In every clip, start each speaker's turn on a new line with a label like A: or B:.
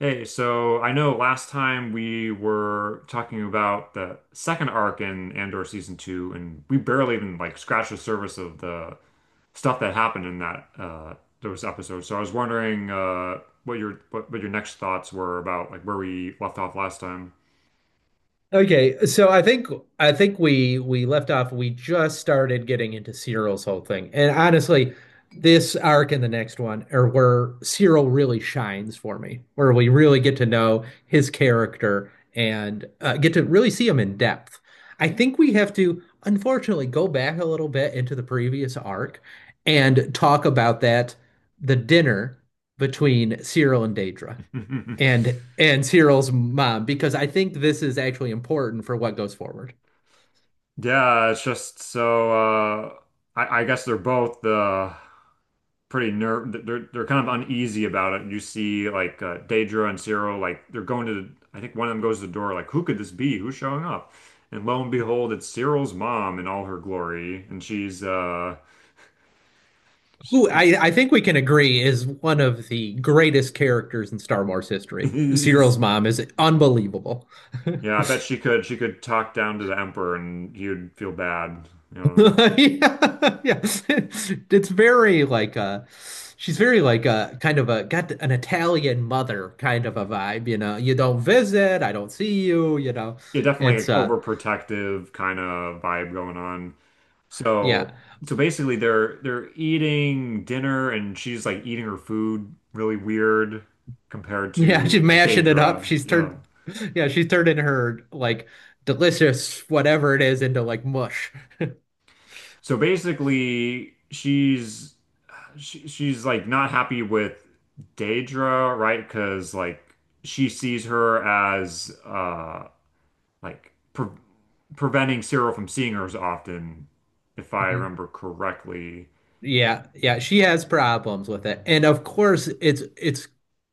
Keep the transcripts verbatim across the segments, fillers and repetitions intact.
A: Hey, so I know last time we were talking about the second arc in Andor season two, and we barely even like scratched the surface of the stuff that happened in that uh those episodes. So I was wondering uh what your what, what your next thoughts were about like where we left off last time.
B: Okay, so I think I think we we left off. We just started getting into Cyril's whole thing, and honestly, this arc and the next one are where Cyril really shines for me, where we really get to know his character and uh, get to really see him in depth. I think we have to, unfortunately, go back a little bit into the previous arc and talk about that the dinner between Cyril and Daedra and and Cyril's mom because I think this is actually important for what goes forward.
A: Yeah, it's just so uh I, I guess they're both the pretty nerve they're they're kind of uneasy about it. You see like uh, Daedra and Cyril, like they're going to the, I think one of them goes to the door, like, who could this be? Who's showing up? And lo and behold, it's Cyril's mom in all her glory, and she's uh
B: Who I, I think we can agree is one of the greatest characters in Star Wars history.
A: Yeah,
B: Cyril's mom is unbelievable.
A: I bet she could she could talk down to the emperor, and he would feel bad, you know.
B: Yeah, yeah. It's very like uh she's very like a kind of a got an Italian mother kind of a vibe, you know. You don't visit, I don't see you, you know.
A: Yeah, definitely
B: It's
A: like
B: uh
A: overprotective kind of vibe going on.
B: yeah.
A: So so basically they're they're eating dinner, and she's like eating her food really weird compared
B: Yeah,
A: to
B: she's
A: like
B: mashing it up.
A: Daedra.
B: She's
A: Yeah.
B: turned yeah, she's turning her like delicious whatever it is into like mush.
A: So basically she's she, she's like not happy with Daedra, right? Because like she sees her as uh like pre preventing Cyril from seeing her as often, if I
B: Mm-hmm.
A: remember correctly.
B: Yeah, yeah, she has problems with it. And of course, it's it's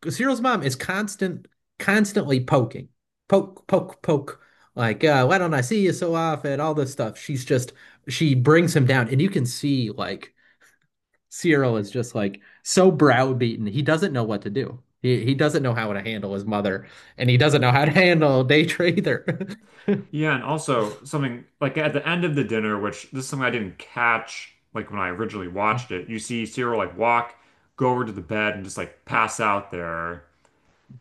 B: Cyril's mom is constant constantly poking. Poke, poke, poke. Like, uh, why don't I see you so often? All this stuff. She's just she brings him down, and you can see like Cyril is just like so browbeaten. He doesn't know what to do. He he doesn't know how to handle his mother, and he doesn't know how to handle Daetra either.
A: Yeah, and also something like at the end of the dinner, which this is something I didn't catch like when I originally watched it, you see Cyril like walk, go over to the bed and just like pass out there.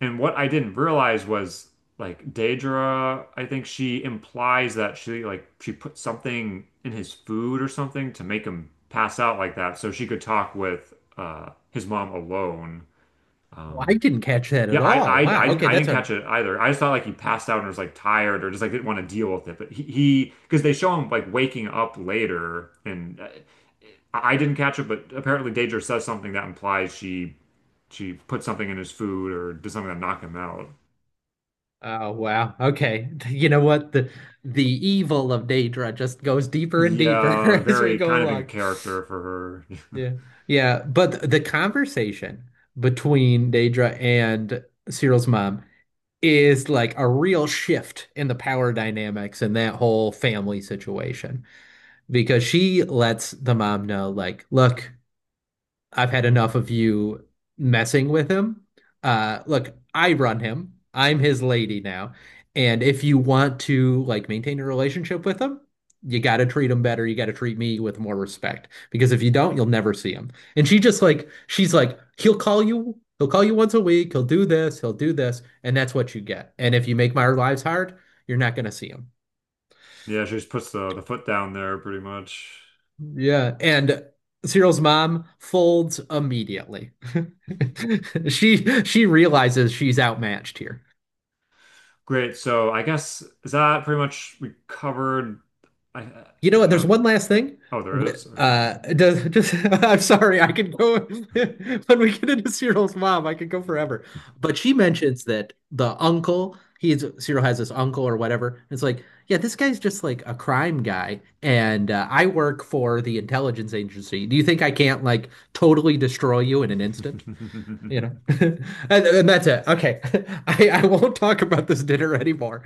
A: And what I didn't realize was like Daedra, I think she implies that she like she put something in his food or something to make him pass out like that, so she could talk with uh his mom alone.
B: Oh, I
A: Um
B: didn't catch that
A: yeah,
B: at
A: I,
B: all.
A: I, I
B: Wow.
A: didn't,
B: Okay,
A: I
B: that's
A: didn't
B: a
A: catch it either. I just thought like he passed out and was like tired or just like didn't want to deal with it. But he, he, because they show him like waking up later. And uh, I didn't catch it. But apparently, Daedra says something that implies she, she put something in his food or did something to knock him out.
B: Oh wow. Okay. You know what? The the evil of Daedra just goes deeper and
A: Yeah,
B: deeper as we
A: very
B: go
A: kind of in
B: along.
A: character for her.
B: Yeah. Yeah. But the conversation between Daedra and Cyril's mom is like a real shift in the power dynamics in that whole family situation because she lets the mom know, like, look. I've had enough of you messing with him. Uh, look, I run him. I'm his lady now. And if you want to like maintain a relationship with him, you got to treat him better. You got to treat me with more respect because if you don't, you'll never see him. And she just like she's like he'll call you. He'll call you once a week. He'll do this. He'll do this, and that's what you get. And if you make my lives hard, you're not going to see him.
A: Yeah, she just puts the the foot down there pretty much.
B: Yeah, and Cyril's mom folds immediately. She she realizes she's outmatched here.
A: Great. So I guess is that pretty much we covered? I, uh,
B: You know what? There's
A: the
B: one last thing.
A: Oh, there
B: Wh-
A: is.
B: Uh, does, just I'm sorry, I could go when we get into Cyril's mom, I could go forever. But she mentions that the uncle, he's Cyril has this uncle or whatever. It's like, yeah, this guy's just like a crime guy, and uh, I work for the intelligence agency. Do you think I can't like totally destroy you in an instant? you know and, and that's it okay I, I won't talk about this dinner anymore.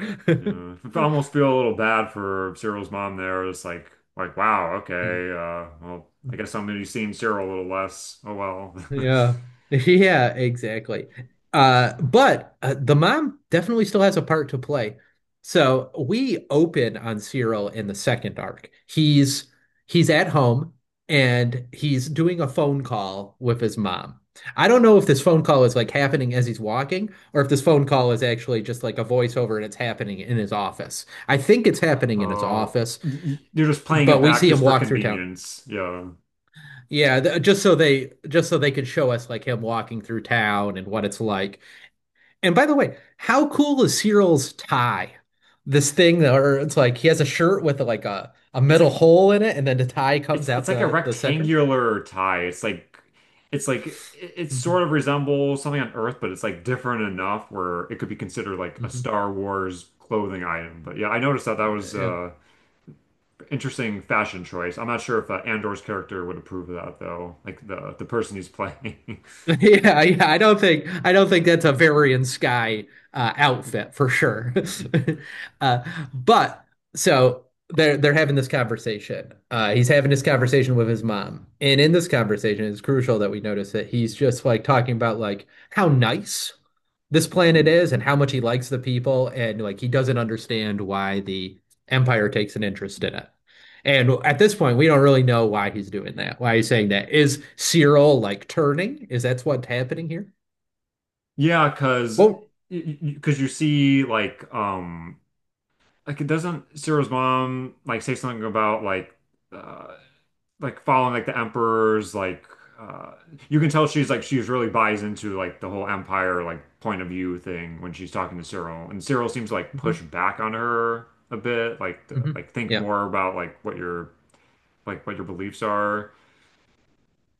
A: Yeah, I almost feel a little bad for Cyril's mom there. It's like, like, wow,
B: Hmm.
A: okay. Uh, well, I guess I'm gonna be seeing Cyril a little less. Oh well.
B: Yeah. Yeah, exactly. Uh, but uh, the mom definitely still has a part to play. So we open on Cyril in the second arc. He's he's at home and he's doing a phone call with his mom. I don't know if this phone call is like happening as he's walking or if this phone call is actually just like a voiceover and it's happening in his office. I think it's happening in his
A: Oh,
B: office,
A: y- y- you're just playing it
B: but we
A: back
B: see him
A: just for
B: walk through town.
A: convenience. Yeah,
B: Yeah, th just so they just so they could show us like him walking through town and what it's like. And by the way, how cool is Cyril's tie? This thing that- or It's like he has a shirt with like a a
A: it's
B: metal
A: like
B: hole in it, and then the tie comes
A: it's
B: out
A: it's like a
B: the the center.
A: rectangular tie. It's like it's like it, it sort
B: Hmm
A: of resembles something on Earth, but it's like different enough where it could be considered like a
B: hmm
A: Star Wars clothing item. But yeah, I noticed that. That was
B: Yeah.
A: uh interesting fashion choice. I'm not sure if uh, Andor's character would approve of that though, like the the person he's playing.
B: Yeah, yeah, I don't think I don't think that's a Varian Sky uh, outfit for sure. Uh, but so they're they're having this conversation. Uh, he's having this conversation with his mom, and in this conversation, it's crucial that we notice that he's just like talking about like how nice this planet is and how much he likes the people, and like he doesn't understand why the Empire takes an interest in it. And at this point, we don't really know why he's doing that, why he's saying that. Is Cyril like turning? Is that's what's happening here?
A: Yeah, because
B: Well,
A: because you see like um like it doesn't Ciro's mom like say something about like uh like following like the emperor's like, uh you can tell she's like she's really buys into like the whole empire like point of view thing when she's talking to Cyril, and Cyril seems to like
B: mhm,
A: push back on her a bit, like to
B: mhm,
A: like think
B: yeah.
A: more about like what your like what your beliefs are.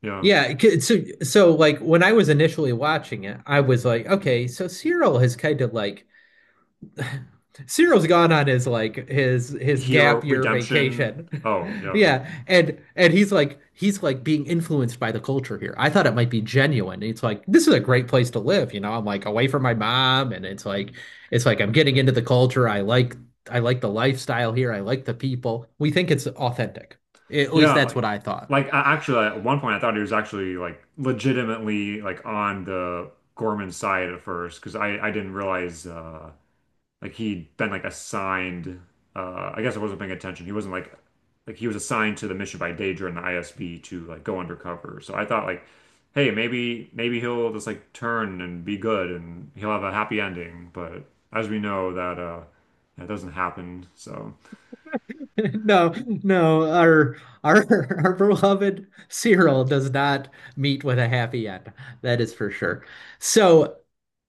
A: Yeah.
B: Yeah, so so like when I was initially watching it, I was like, okay, so Cyril has kind of like Cyril's gone on his like his his
A: Hero
B: gap year
A: Redemption.
B: vacation.
A: Oh, yeah.
B: Yeah, and and he's like he's like being influenced by the culture here. I thought it might be genuine. It's like this is a great place to live, you know. I'm like away from my mom, and it's like it's like I'm getting into the culture. I like I like the lifestyle here. I like the people. We think it's authentic. At least
A: Yeah,
B: that's what
A: like
B: I thought.
A: like I actually at one point I thought he was actually like legitimately like on the Gorman side at first, because I I didn't realize uh like he'd been like assigned. uh I guess I wasn't paying attention. He wasn't like like he was assigned to the mission by Daedra and the I S B to like go undercover. So I thought like, hey, maybe maybe he'll just like turn and be good and he'll have a happy ending, but as we know, that uh that doesn't happen. So
B: No, no, our our our beloved Cyril does not meet with a happy end. That is for sure. So,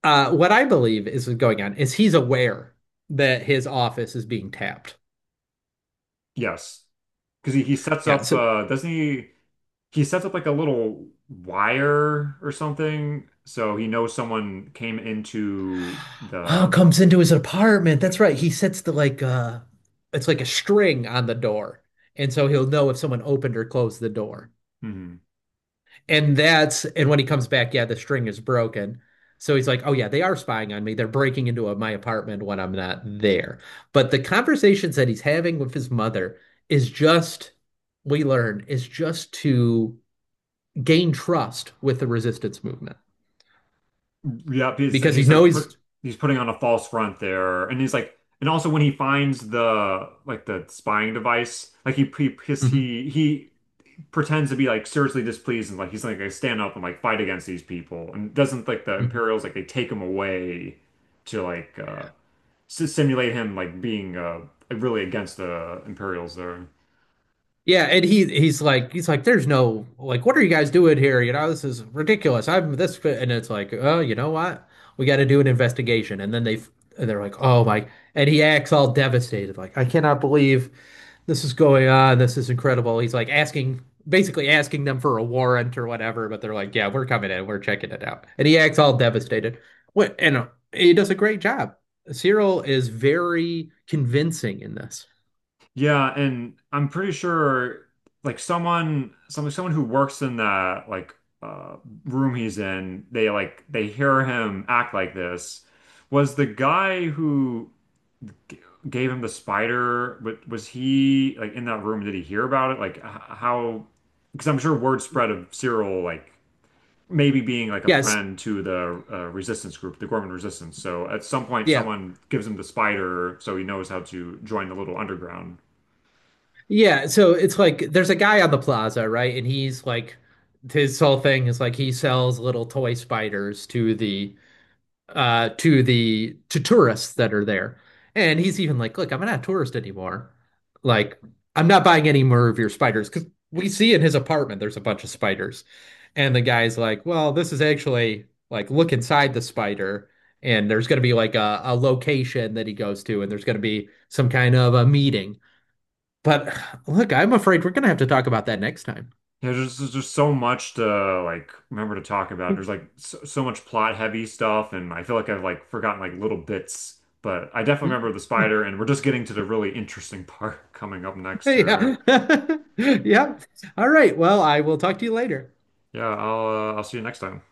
B: uh, what I believe is going on is he's aware that his office is being tapped.
A: yes, because he, he sets
B: Yeah,
A: up,
B: so
A: uh doesn't he he sets up like a little wire or something, so he knows someone came into
B: Oh,
A: the,
B: comes into his apartment.
A: yeah.
B: That's right. He sets the like uh it's like a string on the door. And so he'll know if someone opened or closed the door.
A: Hmm.
B: And that's and when he comes back, yeah, the string is broken. So he's like, "Oh yeah, they are spying on me. They're breaking into a, my apartment when I'm not there." But the conversations that he's having with his mother is just we learn is just to gain trust with the resistance movement
A: Yeah, he's
B: because he
A: he's like
B: knows
A: put
B: he's
A: he's putting on a false front there. And he's like, and also when he finds the like the spying device like he he his, he he pretends to be like seriously displeased and like he's like I stand up and like fight against these people, and doesn't like the
B: Mhm.
A: Imperials like they take him away to like uh s- simulate him like being uh really against the Imperials there.
B: Yeah, and he he's like he's like there's no like what are you guys doing here? You know, this is ridiculous. I'm this, and it's like, "Oh, you know what? We got to do an investigation." And then they and they're like, "Oh my." And he acts all devastated like, "I cannot believe this is going on. This is incredible." He's like asking basically asking them for a warrant or whatever, but they're like, "Yeah, we're coming in. We're checking it out." And he acts all devastated. What and uh, he does a great job. Cyril is very convincing in this.
A: Yeah, and I'm pretty sure like someone some someone who works in that like uh room he's in, they like they hear him act like this. Was the guy who g- gave him the spider, wa- was he like in that room? Did he hear about it? Like, h- how? Because I'm sure word spread of Cyril like maybe being like a
B: Yes.
A: friend to the uh, resistance group, the Gorman Resistance. So at some point,
B: Yeah,
A: someone gives him the spider, so he knows how to join the little underground.
B: yeah, so it's like there's a guy on the plaza, right? And he's like his whole thing is like he sells little toy spiders to the uh to the to tourists that are there. And he's even like, "Look, I'm not a tourist anymore. Like I'm not buying any more of your spiders because we see in his apartment there's a bunch of spiders." And the guy's like, "Well, this is actually like look inside the spider." And there's going to be like a, a location that he goes to, and there's going to be some kind of a meeting. But look, I'm afraid we're going to have to talk about that next time.
A: Yeah, there's, there's just so much to like remember to talk about. There's like so, so much plot heavy stuff, and I feel like I've like forgotten like little bits. But I definitely remember the spider, and we're just getting to the really interesting part coming up next here.
B: Yeah. Yeah. All right. Well, I will talk to you later.
A: Yeah, I'll uh, I'll see you next time.